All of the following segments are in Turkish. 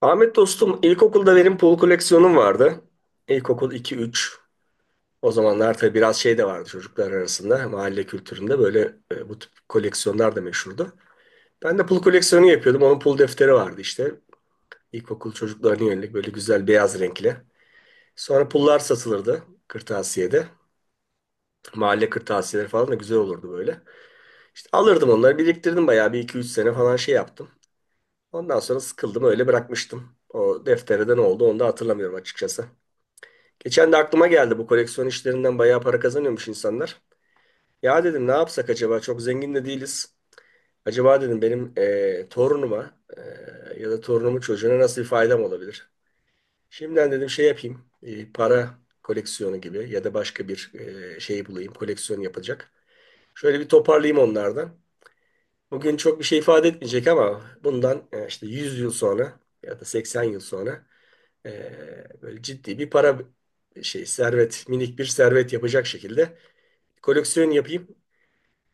Ahmet dostum, ilkokulda benim pul koleksiyonum vardı. İlkokul iki üç. O zamanlar tabii biraz şey de vardı çocuklar arasında. Mahalle kültüründe böyle bu tip koleksiyonlar da meşhurdu. Ben de pul koleksiyonu yapıyordum. Onun pul defteri vardı işte. İlkokul çocuklarına yönelik böyle güzel beyaz renkli. Sonra pullar satılırdı kırtasiyede. Mahalle kırtasiyeleri falan da güzel olurdu böyle. İşte alırdım onları, biriktirdim bayağı bir iki üç sene falan şey yaptım. Ondan sonra sıkıldım, öyle bırakmıştım. O deftere de ne oldu, onu da hatırlamıyorum açıkçası. Geçen de aklıma geldi, bu koleksiyon işlerinden bayağı para kazanıyormuş insanlar. Ya dedim, ne yapsak acaba, çok zengin de değiliz. Acaba dedim benim torunuma ya da torunumun çocuğuna nasıl bir faydam olabilir? Şimdiden dedim şey yapayım, para koleksiyonu gibi ya da başka bir şey bulayım koleksiyon yapacak. Şöyle bir toparlayayım onlardan. Bugün çok bir şey ifade etmeyecek, ama bundan işte 100 yıl sonra ya da 80 yıl sonra, e, böyle ciddi bir para, şey, servet, minik bir servet yapacak şekilde koleksiyon yapayım.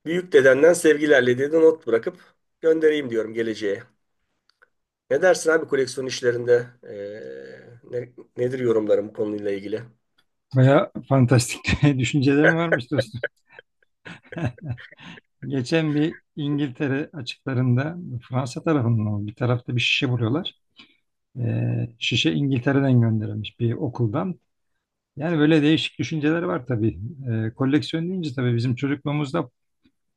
Büyük dedenden sevgilerle dedi, not bırakıp göndereyim diyorum geleceğe. Ne dersin abi koleksiyon işlerinde? Nedir yorumların bu konuyla ilgili? Baya fantastik düşüncelerim varmış dostum. Geçen bir İngiltere açıklarında Fransa tarafından oldu, bir tarafta bir şişe buluyorlar. Şişe İngiltere'den gönderilmiş bir okuldan. Yani böyle değişik düşünceler var tabii. Koleksiyon deyince tabii bizim çocukluğumuzda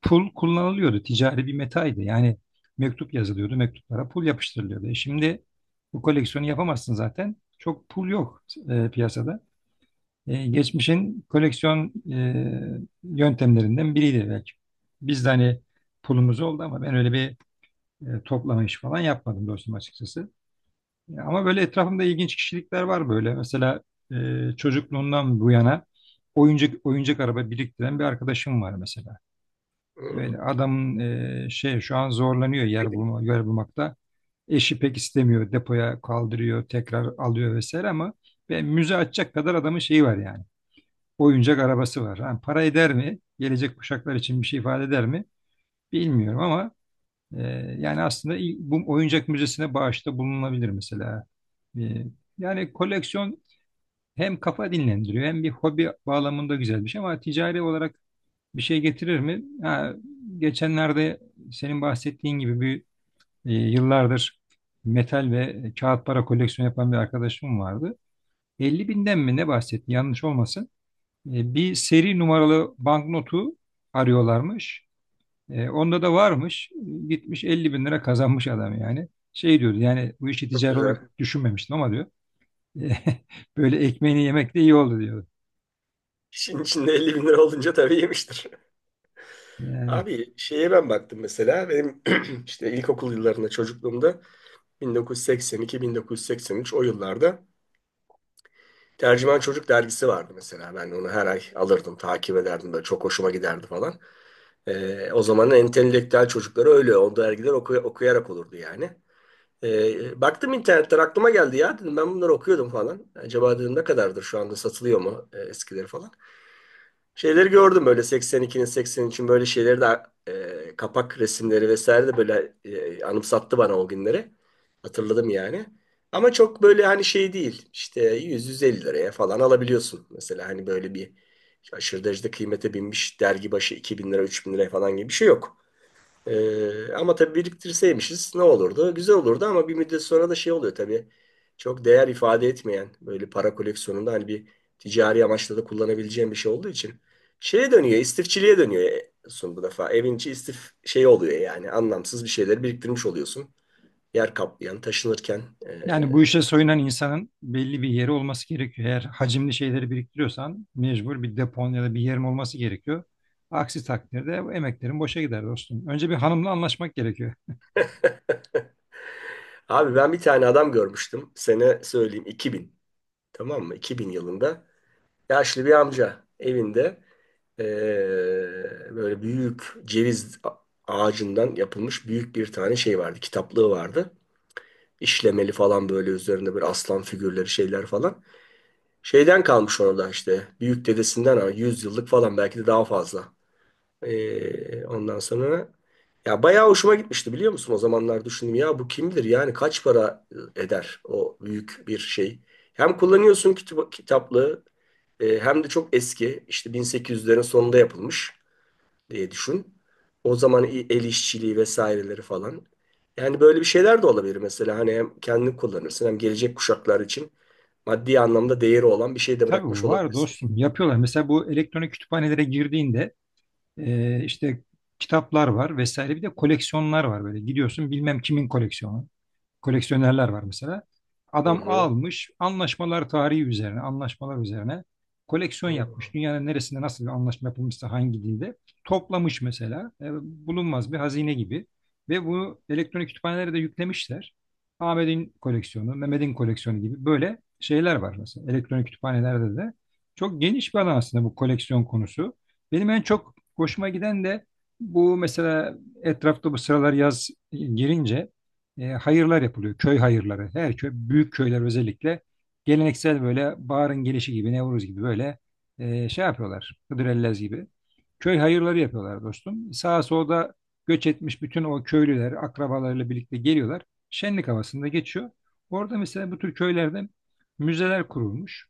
pul kullanılıyordu. Ticari bir metaydı. Yani mektup yazılıyordu. Mektuplara pul yapıştırılıyordu. Şimdi bu koleksiyonu yapamazsın zaten. Çok pul yok piyasada. Geçmişin koleksiyon yöntemlerinden biriydi belki. Biz de hani pulumuz oldu ama ben öyle bir toplama işi falan yapmadım dostum açıkçası. Ama böyle etrafımda ilginç kişilikler var böyle. Mesela e, çocukluğundan bu yana oyuncak araba biriktiren bir arkadaşım var mesela. Hmm, Böyle adamın şey şu an zorlanıyor yer bulma, yer bulmakta. Eşi pek istemiyor. Depoya kaldırıyor, tekrar alıyor vesaire ama ben müze açacak kadar adamın şeyi var yani oyuncak arabası var. Ha, para eder mi? Gelecek kuşaklar için bir şey ifade eder mi? Bilmiyorum ama e, yani aslında bu oyuncak müzesine bağışta bulunabilir mesela. E, Yani koleksiyon hem kafa dinlendiriyor hem bir hobi bağlamında güzel bir şey ama ticari olarak bir şey getirir mi? Ha, geçenlerde senin bahsettiğin gibi bir yıllardır metal ve kağıt para koleksiyonu yapan bir arkadaşım vardı. 50 binden mi ne bahsetti, yanlış olmasın? Bir seri numaralı banknotu arıyorlarmış. Onda da varmış. Gitmiş 50 bin lira kazanmış adam yani. Şey diyordu, yani bu işi çok ticari olarak güzel. düşünmemiştim ama diyor. "e, Böyle ekmeğini yemek de iyi oldu, diyor. İşin içinde 50 bin lira olunca tabii yemiştir. Yani, Abi şeye ben baktım mesela, benim işte ilkokul yıllarında, çocukluğumda, 1982-1983 o yıllarda Tercüman Çocuk dergisi vardı mesela. Ben onu her ay alırdım, takip ederdim. Böyle çok hoşuma giderdi falan. O zamanın entelektüel çocukları öyle. O dergiler okuyarak olurdu yani. Baktım internetten, aklıma geldi, ya dedim ben bunları okuyordum falan. Acaba dedim ne kadardır, şu anda satılıyor mu eskileri falan. Şeyleri gördüm böyle, 82'nin 83'ün böyle şeyleri de, kapak resimleri vesaire de böyle anımsattı bana o günleri. Hatırladım yani. Ama çok böyle hani şey değil. İşte 100-150 liraya falan alabiliyorsun. Mesela hani böyle bir aşırı derecede kıymete binmiş, dergi başı 2000 lira, 3 bin liraya falan gibi bir şey yok. Ama tabii biriktirseymişiz ne olurdu? Güzel olurdu, ama bir müddet sonra da şey oluyor tabii. Çok değer ifade etmeyen böyle para koleksiyonunda, hani bir ticari amaçla da kullanabileceğim bir şey olduğu için şeye dönüyor, istifçiliğe dönüyor son bu defa. Evin içi istif şey oluyor yani, anlamsız bir şeyleri biriktirmiş oluyorsun. Yer kaplayan, taşınırken. yani, bu ee. işe soyunan insanın belli bir yeri olması gerekiyor. Eğer hacimli şeyleri biriktiriyorsan mecbur bir depon ya da bir yerin olması gerekiyor. Aksi takdirde bu emeklerin boşa gider dostum. Önce bir hanımla anlaşmak gerekiyor. Abi ben bir tane adam görmüştüm. Sene söyleyeyim, 2000. Tamam mı? 2000 yılında yaşlı bir amca evinde, eee, böyle büyük ceviz ağacından yapılmış büyük bir tane şey vardı. Kitaplığı vardı. İşlemeli falan, böyle üzerinde bir aslan figürleri, şeyler falan. Şeyden kalmış orada işte, büyük dedesinden, ama 100 yıllık falan, belki de daha fazla. Ondan sonra, ya bayağı hoşuma gitmişti, biliyor musun? O zamanlar düşündüm, ya bu kimdir? Yani kaç para eder o büyük bir şey? Hem kullanıyorsun kitap, kitaplığı, hem de çok eski, işte 1800'lerin sonunda yapılmış diye düşün. O zaman el işçiliği vesaireleri falan. Yani böyle bir şeyler de olabilir mesela, hani hem kendini kullanırsın, hem gelecek kuşaklar için maddi anlamda değeri olan bir şey de bırakmış Tabii var olabilirsin. dostum, yapıyorlar. Mesela bu elektronik kütüphanelere girdiğinde, işte kitaplar var vesaire, bir de koleksiyonlar var, böyle gidiyorsun bilmem kimin koleksiyonu, koleksiyonerler var mesela. Hı Adam hı. almış anlaşmalar tarihi üzerine, anlaşmalar üzerine Hı koleksiyon hı. yapmış. Dünyanın neresinde nasıl bir anlaşma yapılmışsa hangi dilde toplamış mesela. Bulunmaz bir hazine gibi. Ve bunu elektronik kütüphanelere de yüklemişler. Ahmet'in koleksiyonu, Mehmet'in koleksiyonu gibi böyle şeyler var mesela elektronik kütüphanelerde de. Çok geniş bir alan aslında bu koleksiyon konusu. Benim en çok hoşuma giden de bu mesela. Etrafta bu sıralar yaz girince hayırlar yapılıyor. Köy hayırları. Her köy, büyük köyler özellikle geleneksel böyle baharın gelişi gibi, Nevruz gibi böyle şey yapıyorlar. Hıdrellez gibi. Köy hayırları yapıyorlar dostum. Sağa solda göç etmiş bütün o köylüler akrabalarıyla birlikte geliyorlar. Şenlik havasında geçiyor. Orada mesela bu tür köylerde müzeler kurulmuş.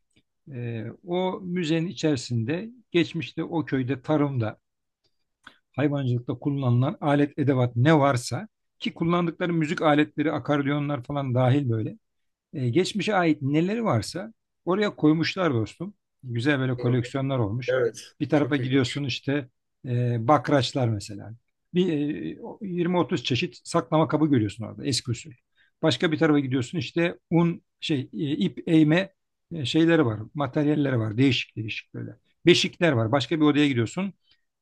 O müzenin içerisinde geçmişte o köyde tarımda, hayvancılıkta kullanılan alet edevat ne varsa, ki kullandıkları müzik aletleri, akordiyonlar falan dahil böyle. Geçmişe ait neleri varsa oraya koymuşlar dostum. Güzel böyle Hı hı. koleksiyonlar olmuş. Evet, Bir tarafa çok ilginç. gidiyorsun işte, bakraçlar mesela. Bir 20-30 çeşit saklama kabı görüyorsun orada, eski usul. Başka bir tarafa gidiyorsun işte un şey, ip eğme şeyleri var, materyalleri var. Değişik değişik böyle. Beşikler var. Başka bir odaya gidiyorsun.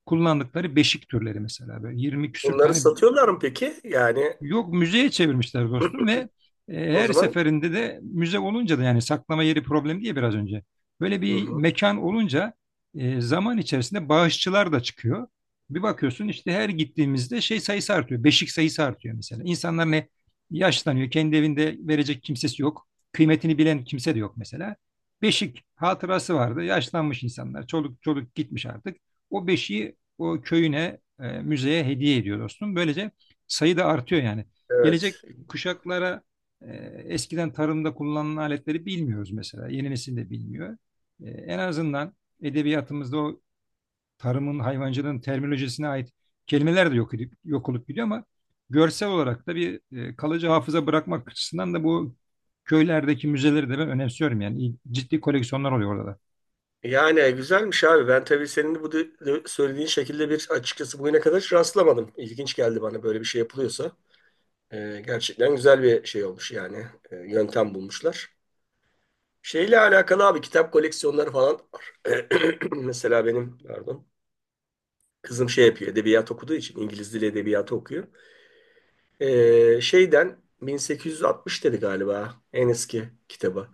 Kullandıkları beşik türleri mesela, böyle 20 küsür Bunları tane. satıyorlar mı peki? Yani Yok, müzeye çevirmişler dostum ve o her zaman. seferinde de müze olunca da, yani saklama yeri problemi diye biraz önce. Böyle Hı bir hı. mekan olunca zaman içerisinde bağışçılar da çıkıyor. Bir bakıyorsun işte, her gittiğimizde şey sayısı artıyor. Beşik sayısı artıyor mesela. İnsanlar ne, yaşlanıyor. Kendi evinde verecek kimsesi yok. Kıymetini bilen kimse de yok mesela. Beşik hatırası vardı. Yaşlanmış insanlar. Çoluk çoluk gitmiş artık. O beşiği o köyüne, müzeye hediye ediyor dostum. Böylece sayı da artıyor yani. Gelecek Evet. kuşaklara e, eskiden tarımda kullanılan aletleri bilmiyoruz mesela. Yeni nesil de bilmiyor. En azından edebiyatımızda o tarımın, hayvancılığın terminolojisine ait kelimeler de yok edip, yok olup gidiyor ama görsel olarak da bir kalıcı hafıza bırakmak açısından da bu köylerdeki müzeleri de ben önemsiyorum yani. Ciddi koleksiyonlar oluyor orada da. Yani güzelmiş abi. Ben tabii senin bu söylediğin şekilde bir, açıkçası bugüne kadar hiç rastlamadım. İlginç geldi bana böyle bir şey yapılıyorsa. Gerçekten güzel bir şey olmuş yani. Yöntem bulmuşlar. Şeyle alakalı abi, kitap koleksiyonları falan var. Mesela benim, pardon. Kızım şey yapıyor. Edebiyat okuduğu için, İngiliz dili edebiyatı okuyor. Şeyden 1860 dedi galiba en eski kitabı.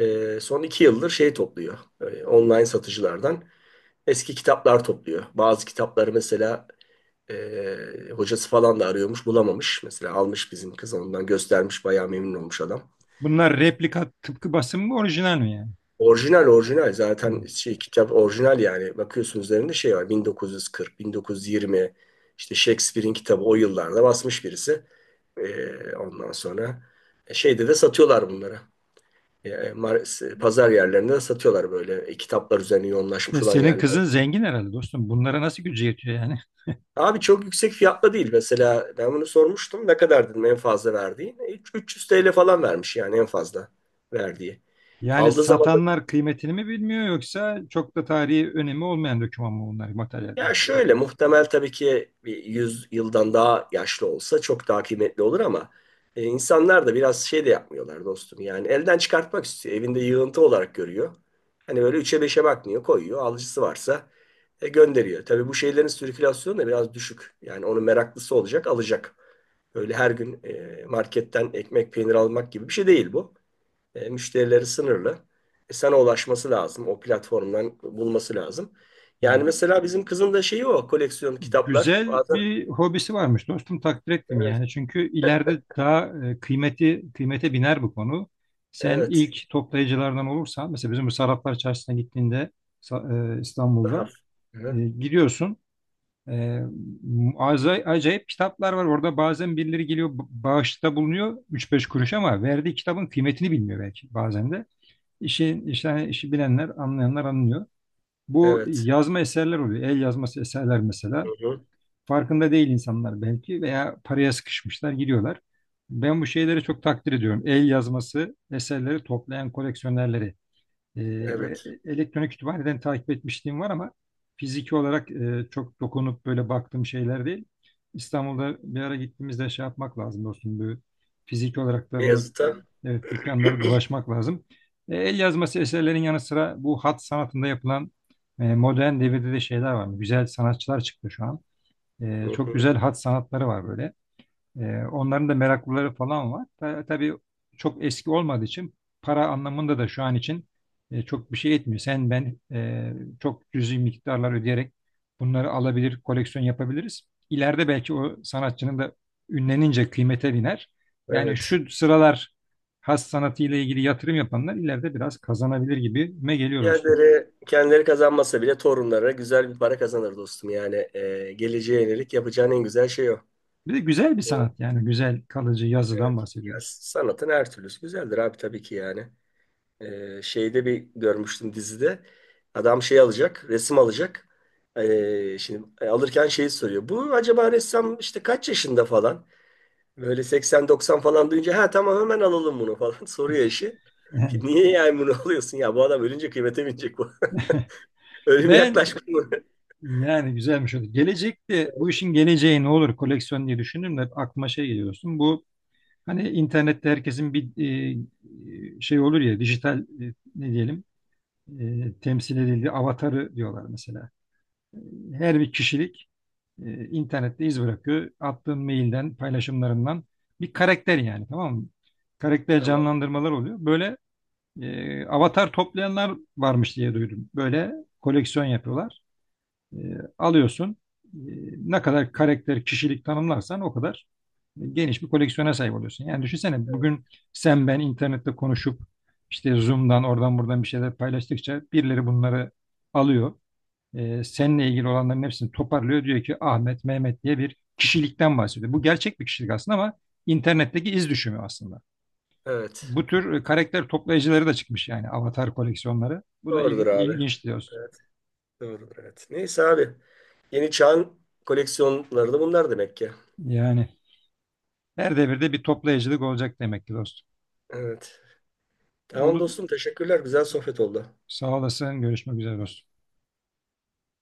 Son 2 yıldır şey topluyor. Online satıcılardan eski kitaplar topluyor. Bazı kitapları mesela e, hocası falan da arıyormuş, bulamamış. Mesela almış bizim kız, ondan göstermiş, bayağı memnun olmuş adam. Bunlar replika, tıpkı basım mı, orijinal mi yani? Orijinal, orijinal zaten şey, kitap orijinal yani, bakıyorsun üzerinde şey var, 1940, 1920, işte Shakespeare'in kitabı o yıllarda basmış birisi. Ondan sonra şeyde de satıyorlar bunları. Pazar yerlerinde de satıyorlar, böyle kitaplar üzerine Hı. Yoğunlaşmış olan Senin yerler. kızın zengin herhalde dostum. Bunlara nasıl gücü yetiyor yani? Abi çok yüksek fiyatla değil mesela, ben bunu sormuştum ne kadar dedim en fazla verdiği. 300 TL falan vermiş, yani en fazla verdiği. Yani Aldığı zaman, satanlar kıymetini mi bilmiyor, yoksa çok da tarihi önemi olmayan doküman mı bunlar, materyaller, ya şöyle kitaplar? muhtemel tabii ki, bir 100 yıldan daha yaşlı olsa çok daha kıymetli olur, ama insanlar da biraz şey de yapmıyorlar dostum. Yani elden çıkartmak istiyor. Evinde yığıntı olarak görüyor. Hani böyle üçe beşe bakmıyor, koyuyor. Alıcısı varsa gönderiyor. Tabii bu şeylerin sirkülasyonu da biraz düşük. Yani onun meraklısı olacak, alacak. Böyle her gün marketten ekmek, peynir almak gibi bir şey değil bu. Müşterileri sınırlı. Sana ulaşması lazım. O platformdan bulması lazım. Yani mesela bizim kızın da şeyi o. Koleksiyon kitaplar. Güzel Bazen bir hobisi varmış dostum, takdir ettim evet. yani. Çünkü ileride daha kıymeti kıymete biner bu konu. Sen Evet. ilk toplayıcılardan olursan mesela. Bizim bu Sarraflar Çarşısı'na gittiğinde, Daha. İstanbul'da Hı. gidiyorsun. E, Acayip kitaplar var orada, bazen birileri geliyor, bağışta bulunuyor, üç beş kuruş, ama verdiği kitabın kıymetini bilmiyor belki bazen de. İşte işi bilenler, anlayanlar anlıyor. Bu Evet. yazma eserler oluyor. El yazması eserler Hı mesela. hı. Farkında değil insanlar belki veya paraya sıkışmışlar, giriyorlar. Ben bu şeyleri çok takdir ediyorum. El yazması eserleri toplayan koleksiyonerleri. E, Evet. Elektronik kütüphaneden takip etmişliğim var ama fiziki olarak çok dokunup böyle baktığım şeyler değil. İstanbul'da bir ara gittiğimizde şey yapmak lazım dostum. Bu fiziki olarak da bu, Beyazıt'a. evet, dükkanları dolaşmak lazım. El yazması eserlerin yanı sıra bu hat sanatında yapılan modern devirde de şeyler var. Güzel sanatçılar çıktı şu an. Hı Çok hı. güzel hat sanatları var böyle. Onların da meraklıları falan var. Tabii çok eski olmadığı için, para anlamında da şu an için çok bir şey etmiyor. Sen ben çok cüzi miktarlar ödeyerek bunları alabilir, koleksiyon yapabiliriz. İleride belki o sanatçının da ünlenince kıymete biner. Yani Evet. şu sıralar has sanatıyla ilgili yatırım yapanlar ileride biraz kazanabilir gibime geliyor dostum. Kendileri kazanmasa bile torunlara güzel bir para kazanır dostum. Yani geleceğe yönelik yapacağın en güzel şey o. Bir de güzel bir Evet. sanat, yani güzel kalıcı yazıdan Evet. Ya, bahsediyoruz. sanatın her türlüsü güzeldir abi, tabii ki yani. Şeyde bir görmüştüm dizide. Adam şey alacak, resim alacak. Şimdi alırken şeyi soruyor. Bu acaba ressam işte kaç yaşında falan? Böyle 80-90 falan duyunca, ha tamam hemen alalım bunu falan, soruyor eşi. Niye yani bunu alıyorsun ya, bu adam ölünce kıymete binecek bu. Ölüm Ben yaklaşmış mı? Yani güzelmiş oldu. Gelecekte bu işin geleceği ne olur koleksiyon diye düşündüm de, hep aklıma şey geliyorsun. Bu, hani internette herkesin bir şey olur ya, dijital ne diyelim, temsil edildiği avatarı diyorlar mesela. Her bir kişilik internette iz bırakıyor. Attığın mailden, paylaşımlarından bir karakter, yani tamam mı? Karakter Tamam. canlandırmalar oluyor. Böyle avatar toplayanlar varmış diye duydum. Böyle koleksiyon yapıyorlar. E, Alıyorsun. E, Ne kadar karakter, kişilik tanımlarsan o kadar geniş bir koleksiyona sahip oluyorsun. Yani düşünsene, bugün sen ben internette konuşup işte Zoom'dan, oradan buradan bir şeyler paylaştıkça birileri bunları alıyor. Seninle ilgili olanların hepsini toparlıyor. Diyor ki Ahmet, Mehmet diye bir kişilikten bahsediyor. Bu gerçek bir kişilik aslında ama internetteki iz düşümü aslında. Evet. Bu tür karakter toplayıcıları da çıkmış, yani avatar koleksiyonları. Bu da Doğrudur abi. ilginç diyorsun. Evet, doğrudur evet. Neyse abi. Yeni çağın koleksiyonları da bunlar demek ki. Yani her devirde bir toplayıcılık olacak demek ki dostum. Evet. Tamam Oldu. dostum, teşekkürler. Güzel sohbet oldu. Sağ olasın. Görüşmek üzere dostum.